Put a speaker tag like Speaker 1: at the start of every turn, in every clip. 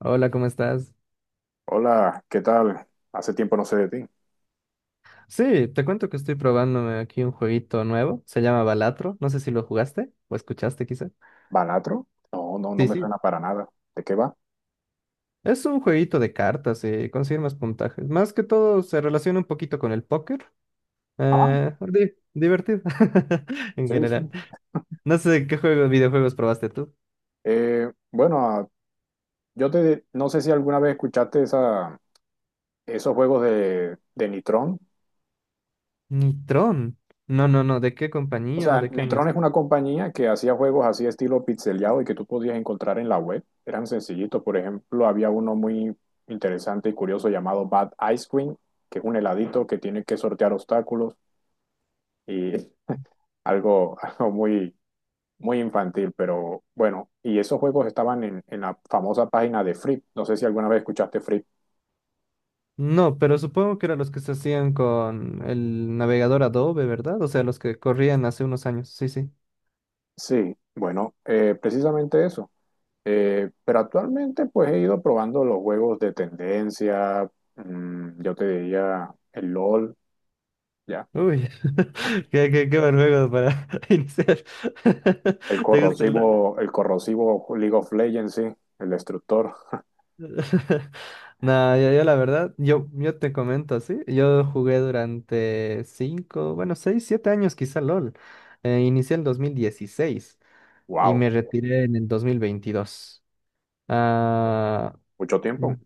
Speaker 1: Hola, ¿cómo estás?
Speaker 2: Hola, ¿qué tal? Hace tiempo no sé de ti.
Speaker 1: Sí, te cuento que estoy probándome aquí un jueguito nuevo, se llama Balatro, no sé si lo jugaste o escuchaste quizá.
Speaker 2: ¿Banatro? No, no, no
Speaker 1: Sí,
Speaker 2: me
Speaker 1: sí.
Speaker 2: suena para nada. ¿De qué va?
Speaker 1: Es un jueguito de cartas y conseguir más puntajes. Más que todo se relaciona un poquito con el póker.
Speaker 2: Ah,
Speaker 1: Divertido en
Speaker 2: sí, sí.
Speaker 1: general. No sé qué videojuegos probaste tú.
Speaker 2: Bueno, no sé si alguna vez escuchaste esos juegos de Nitron.
Speaker 1: Nitron. No, no, no, ¿de qué
Speaker 2: O
Speaker 1: compañía o
Speaker 2: sea,
Speaker 1: de qué
Speaker 2: Nitron
Speaker 1: años?
Speaker 2: es una compañía que hacía juegos así estilo pixeleado y que tú podías encontrar en la web. Eran sencillitos. Por ejemplo, había uno muy interesante y curioso llamado Bad Ice Cream, que es un heladito que tiene que sortear obstáculos y algo muy muy infantil, pero bueno, y esos juegos estaban en la famosa página de Free. No sé si alguna vez escuchaste Free.
Speaker 1: No, pero supongo que eran los que se hacían con el navegador Adobe, ¿verdad? O sea, los que corrían hace unos años. Sí, sí.
Speaker 2: Sí, bueno, precisamente eso. Pero actualmente pues he ido probando los juegos de tendencia, yo te diría el LOL, ya.
Speaker 1: Uy,
Speaker 2: Ah,
Speaker 1: qué buen juego para iniciar.
Speaker 2: el
Speaker 1: ¿Te gusta el LoL?
Speaker 2: corrosivo, el corrosivo League of Legends, sí, el destructor.
Speaker 1: No, yo la verdad, yo te comento así, yo jugué durante cinco, bueno, seis, 7 años quizá LOL. Inicié en 2016 y
Speaker 2: Wow,
Speaker 1: me retiré en el 2022. Ah,
Speaker 2: mucho
Speaker 1: mm,
Speaker 2: tiempo.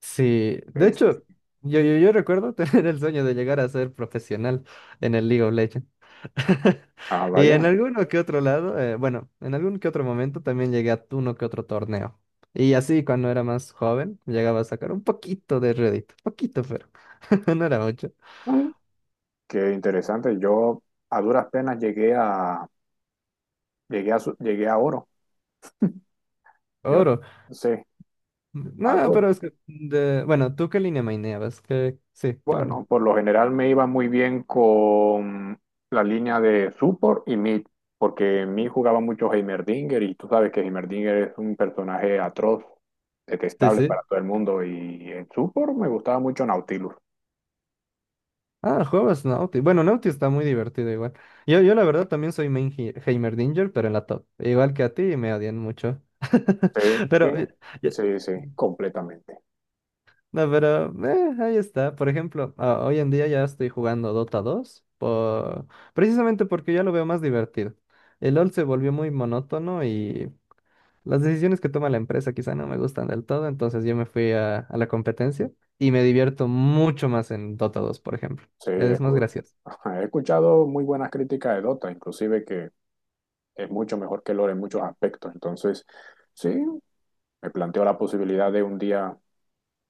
Speaker 1: sí, de
Speaker 2: Sí, sí,
Speaker 1: hecho,
Speaker 2: sí.
Speaker 1: yo recuerdo tener el sueño de llegar a ser profesional en el League of Legends.
Speaker 2: Ah,
Speaker 1: Y en
Speaker 2: vaya.
Speaker 1: alguno que otro lado, bueno, en algún que otro momento también llegué a uno que otro torneo. Y así cuando era más joven, llegaba a sacar un poquito de Reddit, poquito, pero no era mucho.
Speaker 2: Mm. Qué interesante. Yo a duras penas llegué a oro. Yo,
Speaker 1: Oro.
Speaker 2: sí,
Speaker 1: No,
Speaker 2: algo.
Speaker 1: pero es que, bueno, ¿tú qué línea maineabas? Sí, ¿qué línea?
Speaker 2: Bueno, por lo general me iba muy bien con la línea de support y mid, porque en mid jugaba mucho Heimerdinger y tú sabes que Heimerdinger es un personaje atroz,
Speaker 1: Sí,
Speaker 2: detestable para
Speaker 1: sí.
Speaker 2: todo el mundo, y en support me gustaba mucho Nautilus.
Speaker 1: Ah, juegas Nauti. Bueno, Nauti está muy divertido igual. Yo la verdad también soy main Heimerdinger, pero en la top. Igual que a ti, me odian mucho.
Speaker 2: Sí, sí,
Speaker 1: Pero... eh,
Speaker 2: sí, sí, completamente.
Speaker 1: No, pero ahí está. Por ejemplo, hoy en día ya estoy jugando Dota 2 precisamente porque ya lo veo más divertido. El LoL se volvió muy monótono y las decisiones que toma la empresa quizá no me gustan del todo, entonces yo me fui a la competencia y me divierto mucho más en Dota 2, por ejemplo.
Speaker 2: Sí,
Speaker 1: Es más gracioso.
Speaker 2: ajá, he escuchado muy buenas críticas de Dota, inclusive que es mucho mejor que lore en muchos aspectos. Entonces, sí, me planteo la posibilidad de un día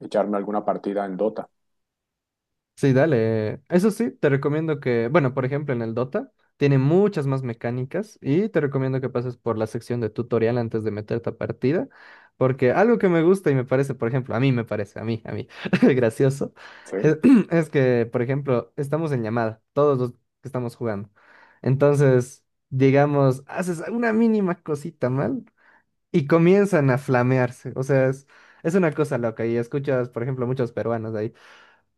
Speaker 2: echarme alguna partida en Dota.
Speaker 1: Sí, dale. Eso sí, te recomiendo que, bueno, por ejemplo, en el Dota tiene muchas más mecánicas y te recomiendo que pases por la sección de tutorial antes de meterte a partida, porque algo que me gusta y me parece, por ejemplo, a mí me parece, gracioso,
Speaker 2: Sí.
Speaker 1: es, es que, por ejemplo, estamos en llamada, todos los que estamos jugando. Entonces, digamos, haces una mínima cosita mal y comienzan a flamearse. O sea, es una cosa loca y escuchas, por ejemplo, muchos peruanos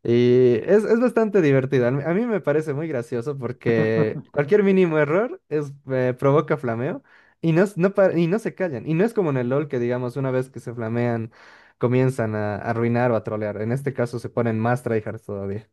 Speaker 1: y es bastante divertido. A mí me parece muy gracioso porque cualquier mínimo error es, provoca flameo y no, no, y no se callan. Y no es como en el LOL que, digamos, una vez que se flamean, comienzan a arruinar o a trolear. En este caso se ponen más tryhards todavía.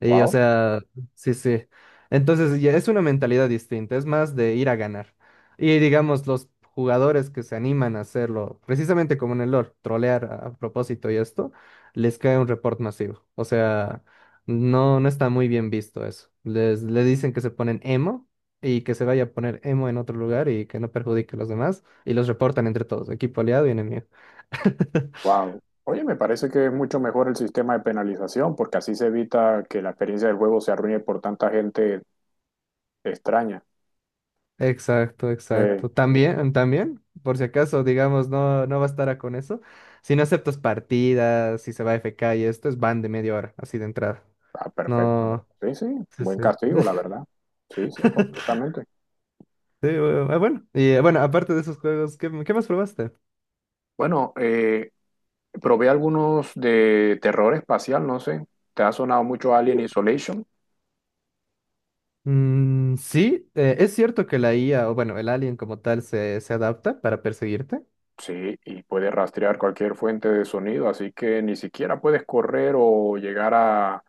Speaker 1: Y o
Speaker 2: Wow,
Speaker 1: sea, sí, sí. Entonces ya es una mentalidad distinta, es más de ir a ganar. Y digamos, los jugadores que se animan a hacerlo, precisamente como en el LoL, trolear a propósito y esto, les cae un report masivo. O sea, no, no está muy bien visto eso. Le dicen que se ponen emo y que se vaya a poner emo en otro lugar y que no perjudique a los demás y los reportan entre todos, equipo aliado y enemigo.
Speaker 2: wow. Oye, me parece que es mucho mejor el sistema de penalización porque así se evita que la experiencia del juego se arruine por tanta gente extraña.
Speaker 1: Exacto,
Speaker 2: Eh,
Speaker 1: exacto. También, también, por si acaso, digamos, no, no bastará con eso. Si no aceptas partidas, si se va F K y esto, es ban de media hora, así de entrada.
Speaker 2: ah, perfecto.
Speaker 1: No,
Speaker 2: Sí, sí,
Speaker 1: sí,
Speaker 2: buen
Speaker 1: sí.
Speaker 2: castigo, la verdad. Sí, sí, completamente.
Speaker 1: Sí, bueno, y bueno, aparte de esos juegos, ¿qué, qué más probaste?
Speaker 2: Bueno, probé algunos de terror espacial, no sé. ¿Te ha sonado mucho Alien
Speaker 1: Uh,
Speaker 2: Isolation?
Speaker 1: Mm, sí, es cierto que la IA, o bueno, el alien como tal, se adapta para perseguirte.
Speaker 2: Sí, y puede rastrear cualquier fuente de sonido, así que ni siquiera puedes correr o llegar a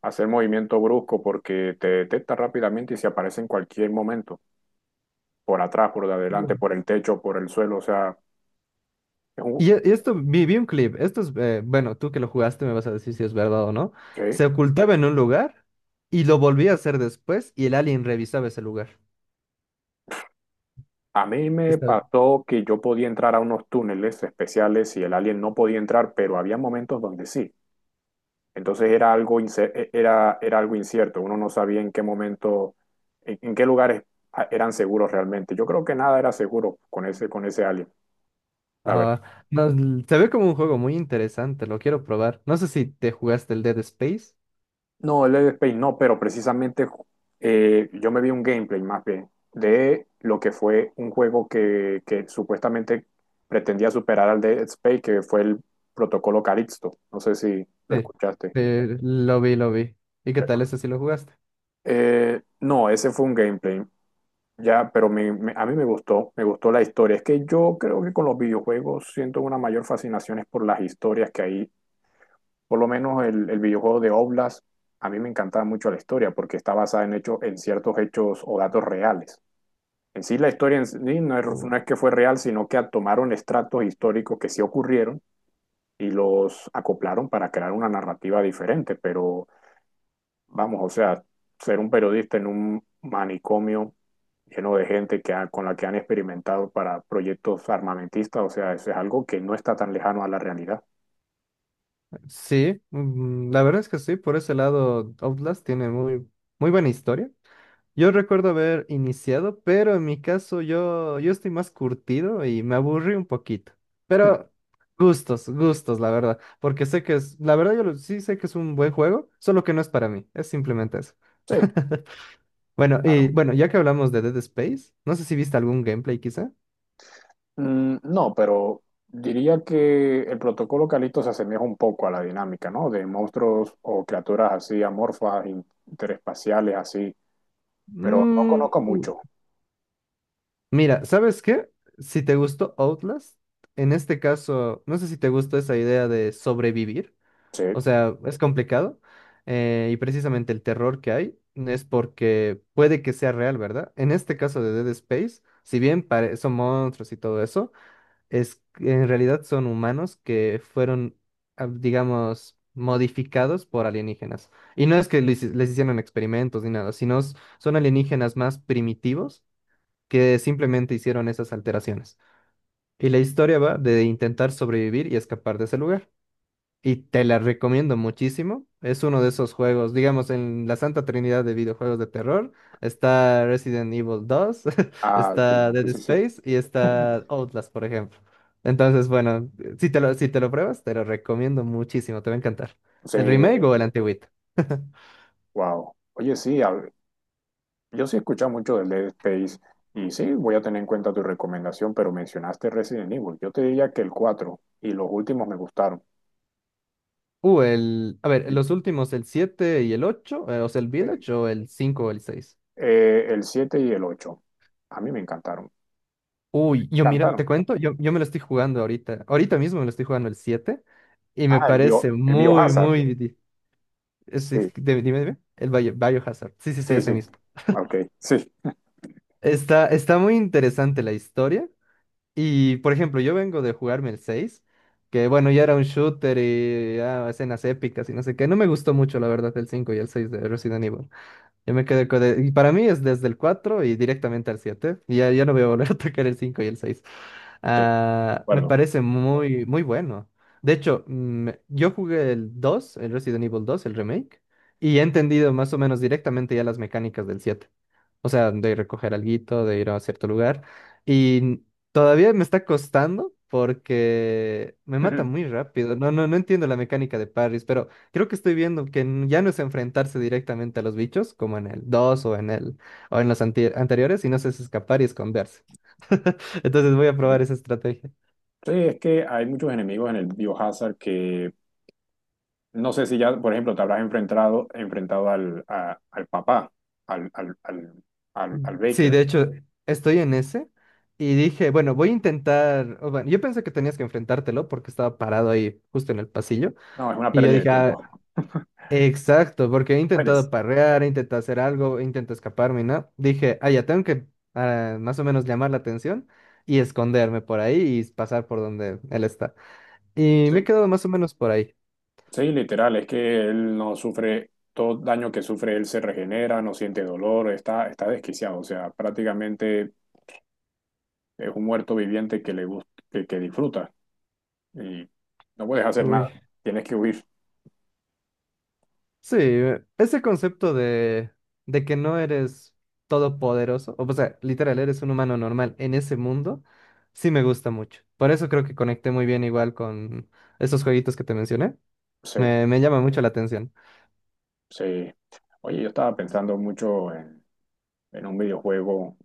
Speaker 2: hacer movimiento brusco porque te detecta rápidamente y se aparece en cualquier momento, por atrás, por de adelante, por el techo, por el suelo, o sea, es un...
Speaker 1: Y esto, vi un clip, esto es, bueno, tú que lo jugaste me vas a decir si es verdad o no.
Speaker 2: ¿Qué?
Speaker 1: Se ocultaba en un lugar y lo volvía a hacer después y el alien revisaba ese lugar.
Speaker 2: A mí me
Speaker 1: Está bien.
Speaker 2: pasó que yo podía entrar a unos túneles especiales y el alien no podía entrar, pero había momentos donde sí. Entonces era algo, era algo incierto, uno no sabía en qué momento, en qué lugares eran seguros realmente. Yo creo que nada era seguro con ese alien, la verdad.
Speaker 1: Ah, no, se ve como un juego muy interesante, lo quiero probar. No sé si te jugaste el Dead Space.
Speaker 2: No, el Dead Space no, pero precisamente yo me vi un gameplay más bien de lo que fue un juego que supuestamente pretendía superar al Dead Space, que fue el Protocolo Calixto. No sé si lo
Speaker 1: Sí,
Speaker 2: escuchaste.
Speaker 1: lo vi, lo vi. ¿Y qué tal ese si lo jugaste?
Speaker 2: No, ese fue un gameplay. Ya, pero a mí me gustó la historia. Es que yo creo que con los videojuegos siento una mayor fascinación es por las historias que hay. Por lo menos el videojuego de Oblast, a mí me encantaba mucho la historia porque está basada en hechos, en ciertos hechos o datos reales. En sí, la historia en sí no es,
Speaker 1: Oh.
Speaker 2: no es que fue real, sino que tomaron estratos históricos que sí ocurrieron y los acoplaron para crear una narrativa diferente. Pero vamos, o sea, ser un periodista en un manicomio lleno de gente con la que han experimentado para proyectos armamentistas, o sea, eso es algo que no está tan lejano a la realidad.
Speaker 1: Sí, mm, la verdad es que sí, por ese lado Outlast tiene muy, muy buena historia. Yo recuerdo haber iniciado, pero en mi caso yo, yo estoy más curtido y me aburrí un poquito. Pero gustos, gustos, la verdad. Porque sé que es, la verdad yo sí sé que es un buen juego, solo que no es para mí. Es simplemente eso.
Speaker 2: Sí,
Speaker 1: Bueno, y
Speaker 2: claro.
Speaker 1: bueno, ya que hablamos de Dead Space, no sé si viste algún gameplay quizá.
Speaker 2: Mm, no, pero diría que el protocolo Calixto se asemeja un poco a la dinámica, ¿no? De monstruos o criaturas así amorfas, interespaciales, así, pero no
Speaker 1: Mm,
Speaker 2: conozco mucho.
Speaker 1: Mira, ¿sabes qué? Si te gustó Outlast, en este caso, no sé si te gustó esa idea de sobrevivir.
Speaker 2: Sí.
Speaker 1: O sea, es complicado. Y precisamente el terror que hay es porque puede que sea real, ¿verdad? En este caso de Dead Space, si bien son monstruos y todo eso, es en realidad son humanos que fueron, ah, digamos, modificados por alienígenas. Y no es que les hicieron experimentos ni nada, sino son alienígenas más primitivos que simplemente hicieron esas alteraciones. Y la historia va de intentar sobrevivir y escapar de ese lugar. Y te la recomiendo muchísimo. Es uno de esos juegos, digamos, en la Santa Trinidad de videojuegos de terror. Está Resident Evil 2
Speaker 2: Ah, sí,
Speaker 1: está Dead
Speaker 2: sí, sí.
Speaker 1: Space y está Outlast, por ejemplo. Entonces, bueno, si te lo, si te lo pruebas, te lo recomiendo muchísimo, te va a encantar.
Speaker 2: Sí,
Speaker 1: ¿El remake o el antiguito?
Speaker 2: wow. Oye, sí, yo sí he escuchado mucho del Dead Space y sí, voy a tener en cuenta tu recomendación, pero mencionaste Resident Evil. Yo te diría que el cuatro y los últimos me gustaron.
Speaker 1: El, a ver, los últimos, el siete y el 8 o sea, el
Speaker 2: Eh,
Speaker 1: Village o el 5 o el seis.
Speaker 2: el 7 y el 8 a mí me encantaron.
Speaker 1: Uy, yo mira,
Speaker 2: Encantaron.
Speaker 1: te cuento, yo me lo estoy jugando ahorita. Ahorita mismo me lo estoy jugando el siete. Y me
Speaker 2: Ah, el bio,
Speaker 1: parece
Speaker 2: el
Speaker 1: muy,
Speaker 2: Biohazard.
Speaker 1: muy...
Speaker 2: Sí,
Speaker 1: dime, dime, dime. El Biohazard. Sí, sí, sí,
Speaker 2: sí,
Speaker 1: ese
Speaker 2: sí.
Speaker 1: mismo.
Speaker 2: Ok, sí, sí,
Speaker 1: Está, está muy interesante la historia. Y, por ejemplo, yo vengo de jugarme el 6 que bueno, ya era un shooter y ah, escenas épicas y no sé qué. No me gustó mucho, la verdad, el 5 y el 6 de Resident Evil. Yo me quedé con... Y para mí es desde el 4 y directamente al siete. Y ya, ya no voy a volver a tocar el 5 y el seis.
Speaker 2: de
Speaker 1: Ah, me
Speaker 2: acuerdo.
Speaker 1: parece muy, muy bueno. De hecho, mm, yo jugué el dos, el Resident Evil dos, el remake, y he entendido más o menos directamente ya las mecánicas del siete. O sea, de recoger alguito, de ir a cierto lugar. Y todavía me está costando porque me mata muy rápido. No, no, no entiendo la mecánica de parries, pero creo que estoy viendo que ya no es enfrentarse directamente a los bichos, como en el 2 o en el o en los anteriores, sino es escapar y esconderse. Entonces voy a probar esa estrategia.
Speaker 2: Sí, es que hay muchos enemigos en el Biohazard que no sé si ya, por ejemplo, te habrás enfrentado al papá, al, al, al, al
Speaker 1: Sí,
Speaker 2: Baker.
Speaker 1: de hecho, estoy en ese y dije, bueno, voy a intentar. O bueno, yo pensé que tenías que enfrentártelo porque estaba parado ahí justo en el pasillo.
Speaker 2: No, es una
Speaker 1: Y yo
Speaker 2: pérdida de
Speaker 1: dije, "Ah,
Speaker 2: tiempo.
Speaker 1: exacto, porque he intentado
Speaker 2: Mueres.
Speaker 1: parrear, he intentado hacer algo, he intentado escaparme, ¿no?". Dije, ya tengo que más o menos llamar la atención y esconderme por ahí y pasar por donde él está. Y me he
Speaker 2: Sí.
Speaker 1: quedado más o menos por ahí.
Speaker 2: Sí, literal, es que él no sufre, todo daño que sufre él se regenera, no siente dolor, está desquiciado, o sea, prácticamente es un muerto viviente que le gusta, que disfruta y no puedes hacer nada,
Speaker 1: Uy.
Speaker 2: tienes que huir.
Speaker 1: Sí, ese concepto de que no eres todopoderoso, o sea, literal, eres un humano normal en ese mundo, sí me gusta mucho. Por eso creo que conecté muy bien igual con esos jueguitos que te mencioné.
Speaker 2: Sí,
Speaker 1: Me llama mucho la atención.
Speaker 2: sí. Oye, yo estaba pensando mucho en un videojuego,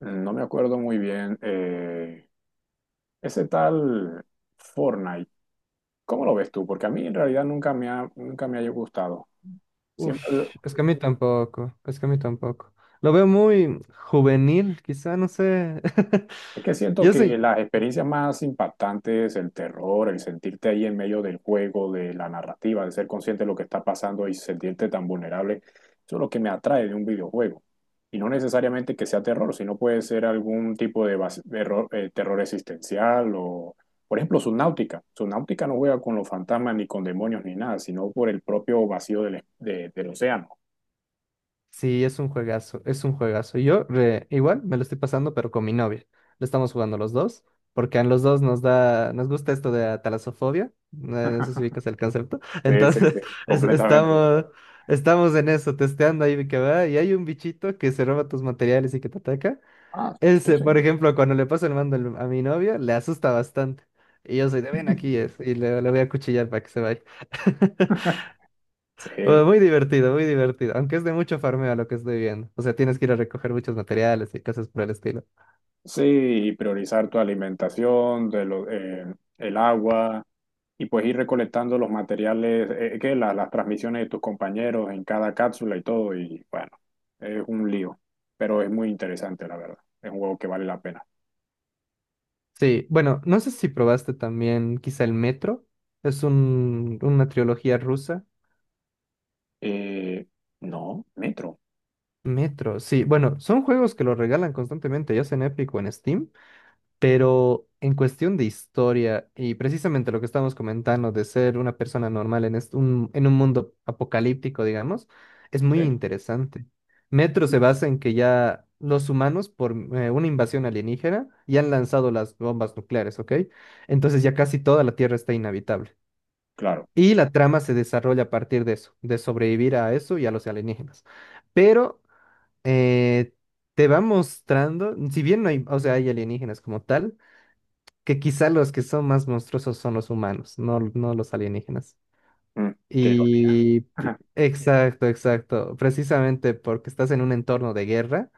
Speaker 2: no me acuerdo muy bien, ese tal Fortnite, ¿cómo lo ves tú? Porque a mí en realidad nunca me haya gustado.
Speaker 1: Uff,
Speaker 2: Siempre.
Speaker 1: es que a mí tampoco, es que a mí tampoco. Lo veo muy juvenil, quizá, no sé.
Speaker 2: Es que siento
Speaker 1: Yo soy,
Speaker 2: que las experiencias más impactantes, el terror, el sentirte ahí en medio del juego, de la narrativa, de ser consciente de lo que está pasando y sentirte tan vulnerable, eso es lo que me atrae de un videojuego. Y no necesariamente que sea terror, sino puede ser algún tipo de terror existencial o, por ejemplo, Subnautica. Subnautica no juega con los fantasmas ni con demonios ni nada, sino por el propio vacío del océano.
Speaker 1: sí, es un juegazo, es un juegazo. Yo igual me lo estoy pasando, pero con mi novia. Lo estamos jugando los dos, porque a los dos nos gusta esto de la talasofobia. No, no sé si ubicas el concepto.
Speaker 2: Sí, sí,
Speaker 1: Entonces,
Speaker 2: sí,
Speaker 1: es-
Speaker 2: completamente.
Speaker 1: estamos, estamos en eso, testeando ahí que va, y hay un bichito que se roba tus materiales y que te ataca.
Speaker 2: Ah, sí,
Speaker 1: Ese,
Speaker 2: sí.
Speaker 1: por ejemplo, cuando le paso el mando a mi novia, le asusta bastante. Y yo soy de ven aquí es, y le voy a cuchillar para que se vaya. Bueno,
Speaker 2: Sí.
Speaker 1: muy divertido, muy divertido. Aunque es de mucho farmeo lo que estoy viendo. O sea, tienes que ir a recoger muchos materiales y cosas por el estilo.
Speaker 2: Sí, y priorizar tu alimentación, el agua, y pues ir recolectando los materiales, que las transmisiones de tus compañeros en cada cápsula y todo, y bueno, es un lío, pero es muy interesante, la verdad. Es un juego que vale la pena.
Speaker 1: Sí, bueno, no sé si probaste también quizá el Metro. Es un, una trilogía rusa.
Speaker 2: Eh, no, Metro,
Speaker 1: Metro, sí. Bueno, son juegos que lo regalan constantemente, ya sea en Epic o en Steam. Pero en cuestión de historia y precisamente lo que estamos comentando de ser una persona normal en, en un mundo apocalíptico, digamos, es
Speaker 2: sí,
Speaker 1: muy interesante. Metro se basa en que ya los humanos, por una invasión alienígena, ya han lanzado las bombas nucleares, ¿ok? Entonces ya casi toda la Tierra está inhabitable.
Speaker 2: claro.
Speaker 1: Y la trama se desarrolla a partir de eso, de sobrevivir a eso y a los alienígenas. Pero eh, te va mostrando, si bien no hay, o sea, hay alienígenas como tal, que quizá los que son más monstruosos son los humanos, no, no los alienígenas.
Speaker 2: Mm, qué ironía.
Speaker 1: Y exacto, exacto. Precisamente porque estás en un entorno de guerra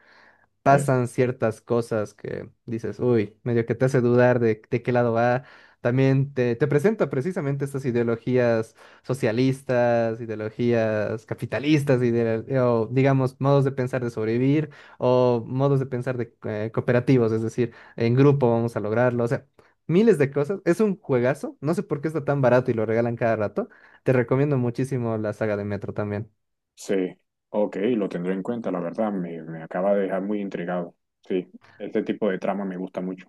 Speaker 2: Sí,
Speaker 1: pasan ciertas cosas que dices, uy, medio que te hace dudar de qué lado va. También te presenta precisamente estas ideologías socialistas, ideologías capitalistas, o digamos, modos de pensar de sobrevivir o modos de pensar de cooperativos, es decir, en grupo vamos a lograrlo, o sea, miles de cosas. Es un juegazo, no sé por qué está tan barato y lo regalan cada rato. Te recomiendo muchísimo la saga de Metro también.
Speaker 2: sí, ok, lo tendré en cuenta, la verdad, me acaba de dejar muy intrigado. Sí, este tipo de trama me gusta mucho.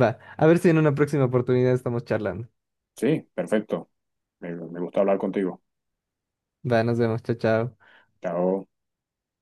Speaker 1: Va, a ver si en una próxima oportunidad estamos charlando.
Speaker 2: Sí, perfecto. Me gusta hablar contigo.
Speaker 1: Va, nos vemos, chao, chao.
Speaker 2: Chao.